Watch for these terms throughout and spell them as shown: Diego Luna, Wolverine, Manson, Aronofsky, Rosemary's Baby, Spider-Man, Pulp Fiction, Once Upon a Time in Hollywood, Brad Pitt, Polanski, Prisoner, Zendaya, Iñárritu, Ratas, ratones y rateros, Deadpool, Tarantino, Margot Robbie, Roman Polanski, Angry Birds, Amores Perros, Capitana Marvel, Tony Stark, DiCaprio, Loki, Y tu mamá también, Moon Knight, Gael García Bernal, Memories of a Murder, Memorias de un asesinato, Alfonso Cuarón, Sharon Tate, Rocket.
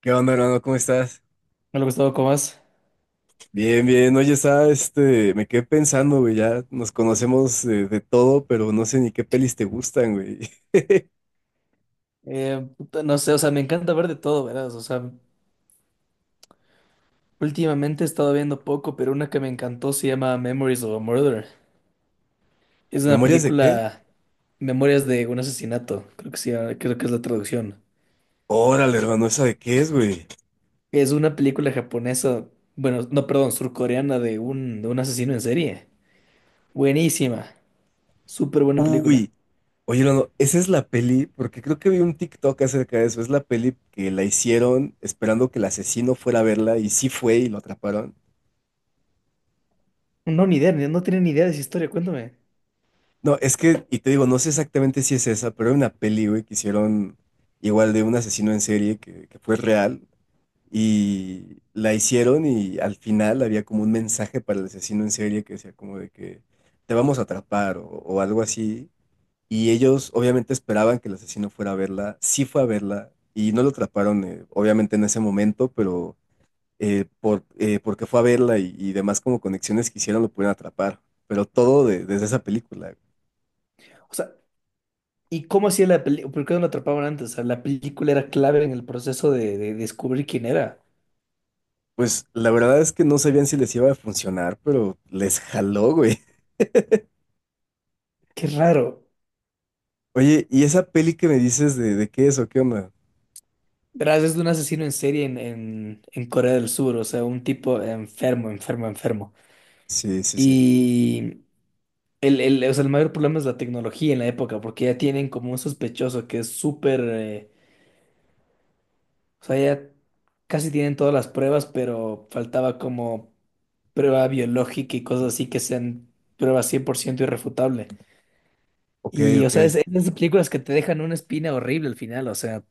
¿Qué onda, hermano? ¿Cómo estás? Hola Gustavo, ¿cómo vas? Bien, bien. Oye, me quedé pensando, güey, ya nos conocemos todo, pero no sé ni qué pelis te gustan, güey. Puta, no sé, o sea, me encanta ver de todo, ¿verdad? O sea, últimamente he estado viendo poco, pero una que me encantó se llama Memories of a Murder. Es una ¿Memorias de qué? película, Memorias de un asesinato, creo que sí, creo que es la traducción. Órale, hermano, ¿esa de qué es, güey? Es una película japonesa, bueno, no, perdón, surcoreana de un asesino en serie. Buenísima, súper buena película. Uy, oye, hermano, esa es la peli, porque creo que vi un TikTok acerca de eso. Es la peli que la hicieron esperando que el asesino fuera a verla y sí fue y lo atraparon. No, ni idea, no tiene ni idea de esa historia, cuéntame. No, es que, y te digo, no sé exactamente si es esa, pero hay una peli, güey, que hicieron igual de un asesino en serie que fue real. Y la hicieron y al final había como un mensaje para el asesino en serie que decía como de que te vamos a atrapar o algo así. Y ellos obviamente esperaban que el asesino fuera a verla, sí fue a verla y no lo atraparon obviamente en ese momento, pero porque fue a verla y demás como conexiones que hicieron lo pudieron atrapar. Pero todo desde esa película. O sea, ¿y cómo hacía la película? ¿Por qué no lo atrapaban antes? O sea, la película era clave en el proceso de descubrir quién era. Pues la verdad es que no sabían si les iba a funcionar, pero les jaló, güey. Qué raro. Oye, ¿y esa peli que me dices de qué es o qué onda? Verás, es de un asesino en serie en Corea del Sur, o sea, un tipo enfermo, enfermo, enfermo. Sí, sí, sí. Y o sea, el mayor problema es la tecnología en la época, porque ya tienen como un sospechoso que es súper, o sea, ya casi tienen todas las pruebas, pero faltaba como prueba biológica y cosas así que sean pruebas 100% irrefutable. Ok, Y, o sea, ok. Es de esas películas que te dejan una espina horrible al final. O sea,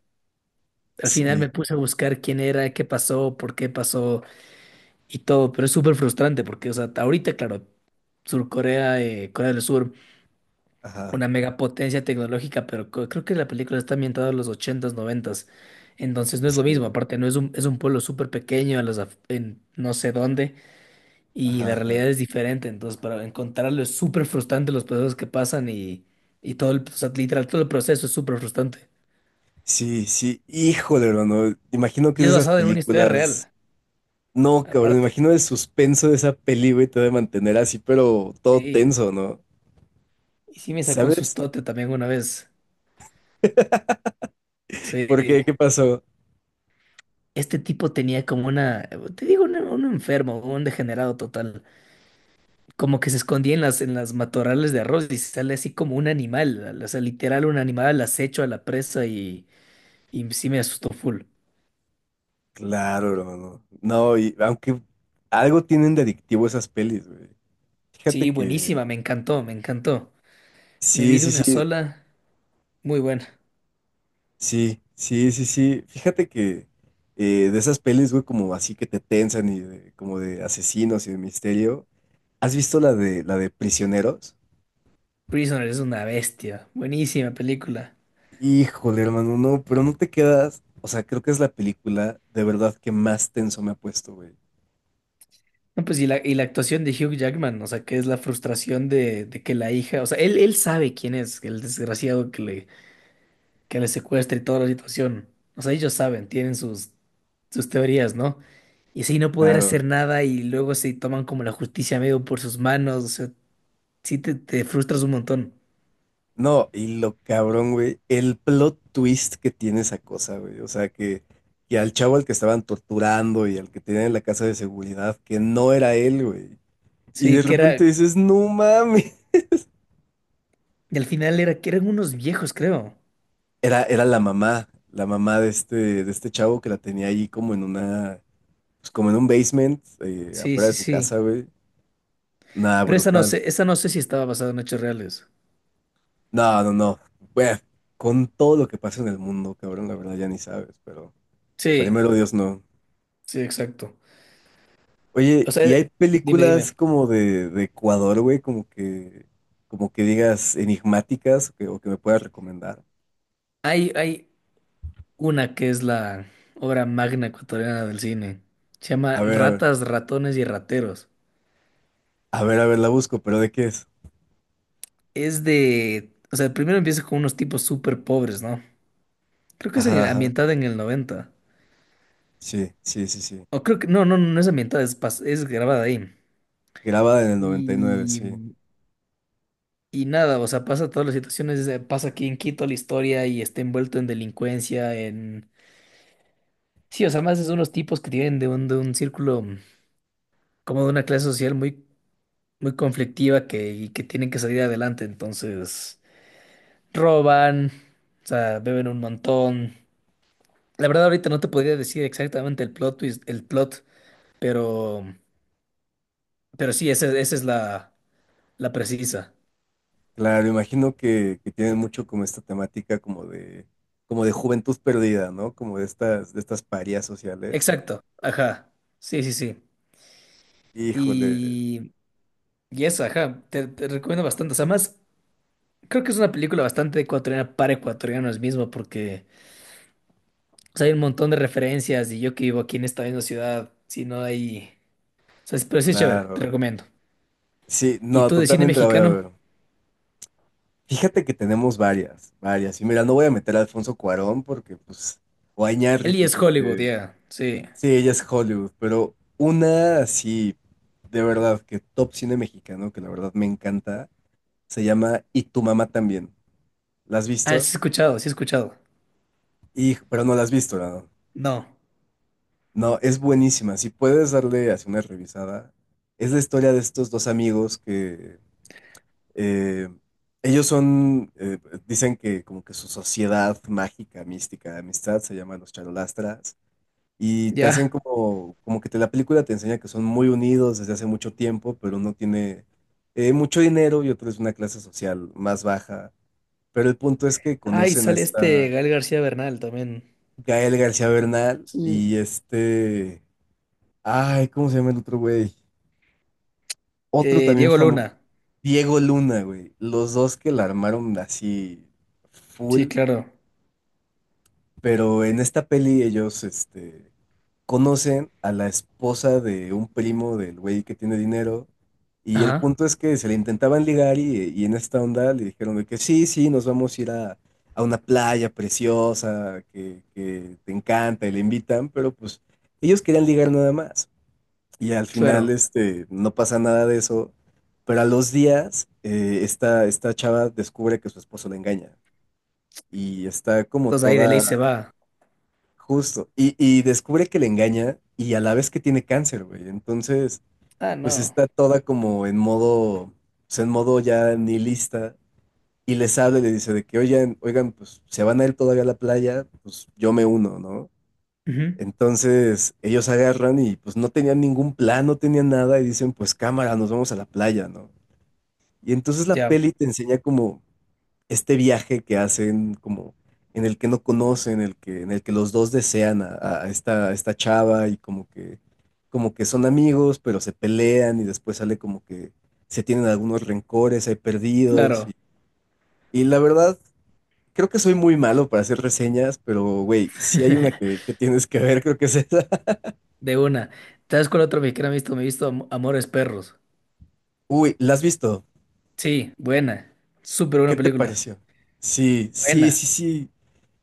al final Sí, me puse a buscar quién era, qué pasó, por qué pasó y todo. Pero es súper frustrante porque, o sea, ahorita, claro, Sur Corea, Corea del Sur, ajá. una megapotencia tecnológica, pero creo que la película está ambientada en los ochentas noventas. Entonces no es lo mismo. Este, Aparte, no es un, es un pueblo súper pequeño, en, en no sé dónde, y ajá, la ajá. realidad es diferente. Entonces, para encontrarlo es súper frustrante los procesos que pasan y todo el, o sea, literal, todo el proceso es súper frustrante. Sí, sí. Híjole, hermano. Imagino que Y es es de esas basada en una historia películas. real, No, cabrón. Me aparte. imagino el suspenso de esa peli, güey, te debe mantener así, pero todo Sí. tenso, ¿no? Y sí me sacó un ¿Sabes? sustote también una vez. ¿Por Sí. qué? ¿Qué pasó? Este tipo tenía como una, te digo, enfermo, un degenerado total. Como que se escondía en en las matorrales de arroz y sale así como un animal. O sea, literal un animal al acecho a la presa y sí me asustó full. Claro, hermano. No, y aunque algo tienen de adictivo esas pelis, güey. Fíjate Sí, que. buenísima, me encantó, me encantó. Me Sí, vi de sí, una sí. sola, muy buena. Sí, sí, sí, sí. Fíjate que de esas pelis, güey, como así que te tensan y como de asesinos y de misterio. ¿Has visto la de Prisioneros? Prisoner es una bestia. Buenísima película. Híjole, hermano, no, pero no te quedas. O sea, creo que es la película de verdad que más tenso me ha puesto, güey. No, pues y la actuación de Hugh Jackman, o sea, que es la frustración de que la hija, o sea, él sabe quién es el desgraciado que le secuestra y toda la situación. O sea, ellos saben, tienen sus teorías, ¿no? Y así no poder Claro. hacer nada y luego se toman como la justicia medio por sus manos, o sea, sí te frustras un montón. No, y lo cabrón, güey, el plot twist que tiene esa cosa, güey. O sea, que al chavo al que estaban torturando y al que tenían en la casa de seguridad, que no era él, güey. Y de Sí, que repente era, dices, no mames. y al final era que eran unos viejos, creo. Era la mamá de este chavo que la tenía ahí como en una, pues como en un basement, Sí, afuera de sí, su sí. casa, güey. Nada, Pero brutal. Esa no sé si estaba basada en hechos reales. No, no, no. Bueno, con todo lo que pasa en el mundo, cabrón, la verdad ya ni sabes, pero Sí, primero Dios no. sí, exacto. Oye, O ¿y sea, hay dime, películas dime. como de Ecuador, güey? Como que digas enigmáticas o que me puedas recomendar. Hay una que es la obra magna ecuatoriana del cine. Se llama A ver, a ver, Ratas, ratones y rateros. a ver, a ver, la busco, pero ¿de qué es? Es de… O sea, primero empieza con unos tipos súper pobres, ¿no? Creo que es Ajá, ajá. ambientada en el 90. Sí, sí, sí, sí. O creo que… No, no, no es ambientada, es, es grabada ahí. Grabada en el noventa y nueve, sí. Y… Y nada, o sea, pasa todas las situaciones, pasa aquí en Quito la historia y está envuelto en delincuencia, en… Sí, o sea, más es unos tipos que tienen de un círculo, como de una clase social muy conflictiva que, y que tienen que salir adelante, entonces roban, o sea, beben un montón. La verdad ahorita no te podría decir exactamente el plot twist, el plot, pero, pero sí, esa es la precisa. Claro, imagino que tienen mucho como esta temática como de juventud perdida, ¿no? Como de estas parias sociales. Exacto, ajá, sí, sí, sí. Híjole, Y, y esa, ajá, te recomiendo bastante. O sea, más, creo que es una película bastante ecuatoriana para ecuatorianos mismo, porque o sea, hay un montón de referencias y yo que vivo aquí en esta misma ciudad, si no hay… O sea, pero sí es chévere, te claro. recomiendo. Sí, ¿Y no, tú de cine totalmente la voy a mexicano? ver. Fíjate que tenemos varias, varias. Y mira, no voy a meter a Alfonso Cuarón porque, pues, o a Eli Iñárritu es Hollywood, porque, ya. Sí. sí, ella es Hollywood, pero una así, de verdad, que top cine mexicano, que la verdad me encanta, se llama Y tu mamá también. ¿La has Ah, sí visto? he escuchado, sí he escuchado. Y, pero no la has visto, ¿no? No, No, es buenísima. Si puedes darle así una revisada, es la historia de estos dos amigos que eh, ellos son, dicen que como que su sociedad mágica, mística, de amistad se llama los charolastras y te hacen ya. como, como que te, la película te enseña que son muy unidos desde hace mucho tiempo, pero uno tiene mucho dinero y otro es de una clase social más baja. Pero el punto es que Ay, conocen a sale este esta Gael García Bernal también. Gael García Bernal Sí. y este... Ay, ¿cómo se llama el otro güey? Otro también Diego famoso, Luna. Diego Luna, güey. Los dos que la armaron así Sí, full, claro. pero en esta peli ellos, este, conocen a la esposa de un primo del güey que tiene dinero. Y el Ajá, punto es que se le intentaban ligar y en esta onda le dijeron de que sí, sí, nos vamos a ir a una playa preciosa que te encanta y le invitan, pero pues ellos querían ligar nada más. Y al final, claro. este, no pasa nada de eso. Pero a los días, esta chava descubre que su esposo le engaña. Y está como Entonces ahí de ley toda se va. justo. Y descubre que le engaña y a la vez que tiene cáncer, güey. Entonces, Ah, pues no. está toda como en modo, pues en modo ya nihilista. Y les habla y le dice de que, oigan, oigan, pues se van a ir todavía a la playa, pues yo me uno, ¿no? Ujú. Entonces ellos agarran y pues no tenían ningún plan, no tenían nada y dicen pues cámara, nos vamos a la playa, ¿no? Y entonces la Ya, peli te enseña como este viaje que hacen, como en el que no conocen, en el que los dos desean a esta chava y como que son amigos, pero se pelean y después sale como que se tienen algunos rencores, hay perdidos claro. Y la verdad... Creo que soy muy malo para hacer reseñas, pero güey, si hay una que tienes que ver, creo que es esa. De una. ¿Sabes cuál otro mexicano he visto? Me he visto Amores Perros. Uy, ¿la has visto? Sí, buena. Súper ¿Qué buena te película. pareció? Sí, sí, Buena. sí, sí.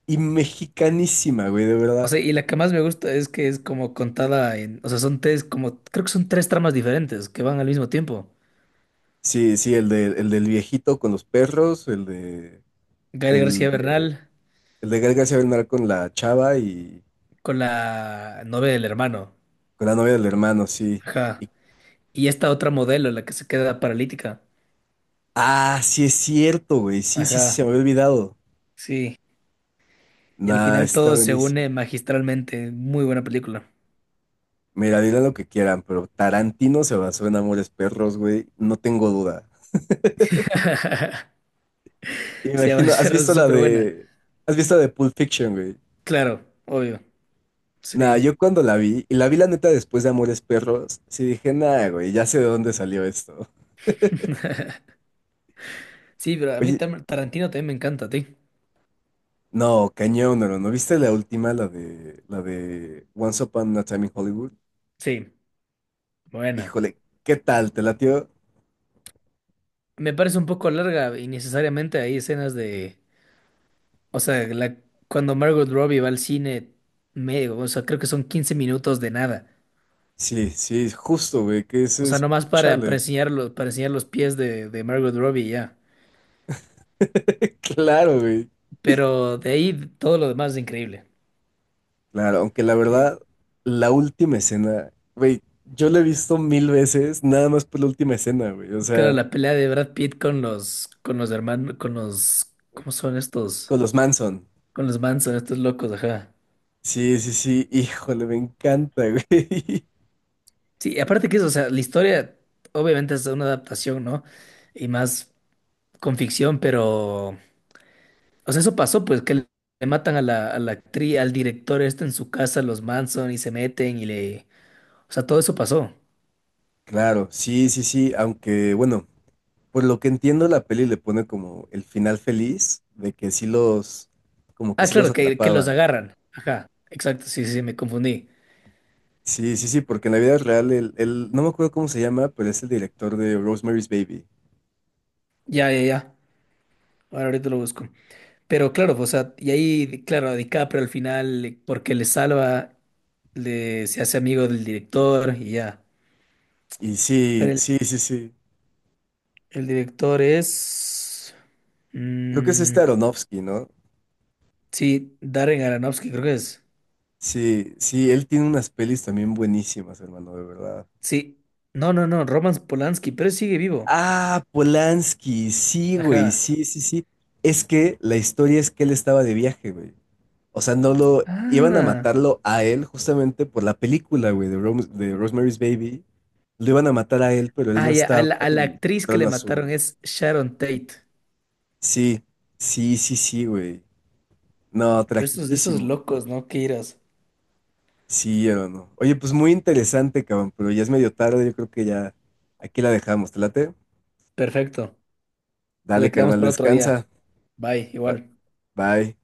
Y mexicanísima, güey, de O sea, verdad. y la que más me gusta es que es como contada en, o sea, son tres, como, creo que son tres tramas diferentes que van al mismo tiempo. Sí, sí, el de, el del viejito con los perros, el de, Gael el García de, Bernal el de Gael García Bernal con la chava y con la novia del hermano, con la novia del hermano, sí. ajá. Y- Y esta otra modelo, la que se queda paralítica, ah, sí es cierto, güey. Sí, sí, sí, ajá, se me había olvidado. sí. Y al Nah, final está todo se buenísimo. une magistralmente, muy buena película. Mira, dirán lo que quieran, pero Tarantino se basó en Amores Perros, güey. No tengo duda. Sí, a Imagino, ser súper buena. ¿Has visto la de Pulp Fiction, güey? Claro, obvio, Nah, sí. yo cuando la vi, y la vi la neta después de Amores Perros, sí dije, nah, güey, ya sé de dónde salió esto. Sí, pero a mí Oye, Tarantino también me encanta, a ti. no, cañón, ¿no? ¿No viste la última, la de Once Upon a Time in Hollywood? Sí, buena. Híjole, ¿qué tal? ¿Te latió? Me parece un poco larga y necesariamente hay escenas de, o sea, la, cuando Margot Robbie va al cine medio, o sea, creo que son 15 minutos de nada. Sí, sí, justo, güey, que O ese sea, es, nomás para chale. enseñar para enseñar los pies de Margot Robbie y ya. Claro, güey. Pero de ahí todo lo demás es increíble. Claro, aunque la Sí. verdad, la última escena, güey, yo la he visto mil veces, nada más por la última escena, güey, o Claro, sea, la pelea de Brad Pitt con los hermanos, con los, ¿cómo son estos? con los Manson. Con los Manson, estos locos, ajá. Sí, sí, sí, híjole, me encanta, güey. Sí, aparte que eso, o sea, la historia obviamente es una adaptación, ¿no? Y más con ficción, pero… O sea, eso pasó, pues, que le matan a la actriz, al director este en su casa, los Manson, y se meten y le… O sea, todo eso pasó. Claro, sí, sí, sí, aunque bueno, por lo que entiendo la peli le pone como el final feliz de que sí los, como que Ah, sí los claro, que los atrapaban. agarran. Ajá, exacto, sí, sí, sí, me confundí. Sí, sí, sí, porque en la vida real no me acuerdo cómo se llama, pero es el director de Rosemary's Baby. Ya, ya, ya. Ahora ahorita lo busco. Pero claro, o sea, y ahí, claro, DiCaprio al final, porque le salva, le, se hace amigo del director y ya. Y sí, Pero sí, sí, sí. el director es… Creo que es mm, este Aronofsky, ¿no? sí, Darren Aronofsky, creo que es. Sí, sí, él tiene unas pelis también buenísimas, hermano, de verdad. Sí. No, no, no, Roman Polanski, pero sigue vivo. Ah, Polanski, sí, güey, Ajá. sí, sí, sí. Es que la historia es que él estaba de viaje, güey. O sea, no lo iban a Ah. matarlo a él justamente por la película, güey, de, de Rosemary's Baby. Lo iban a matar a él, pero él Ah, no ya, a estaba a la y actriz que mataron le a su... mataron es Sharon Tate. Sí, sí, sí, sí, güey. No, Pero estos, esos tragiquísimo. locos, ¿no? Qué iras. Sí, o no. no. Oye, pues muy interesante, cabrón, pero ya es medio tarde, yo creo que ya aquí la dejamos. ¿Te late? Perfecto. Lo Dale, quedamos carnal, para otro día. descansa. Bye, igual. Bye.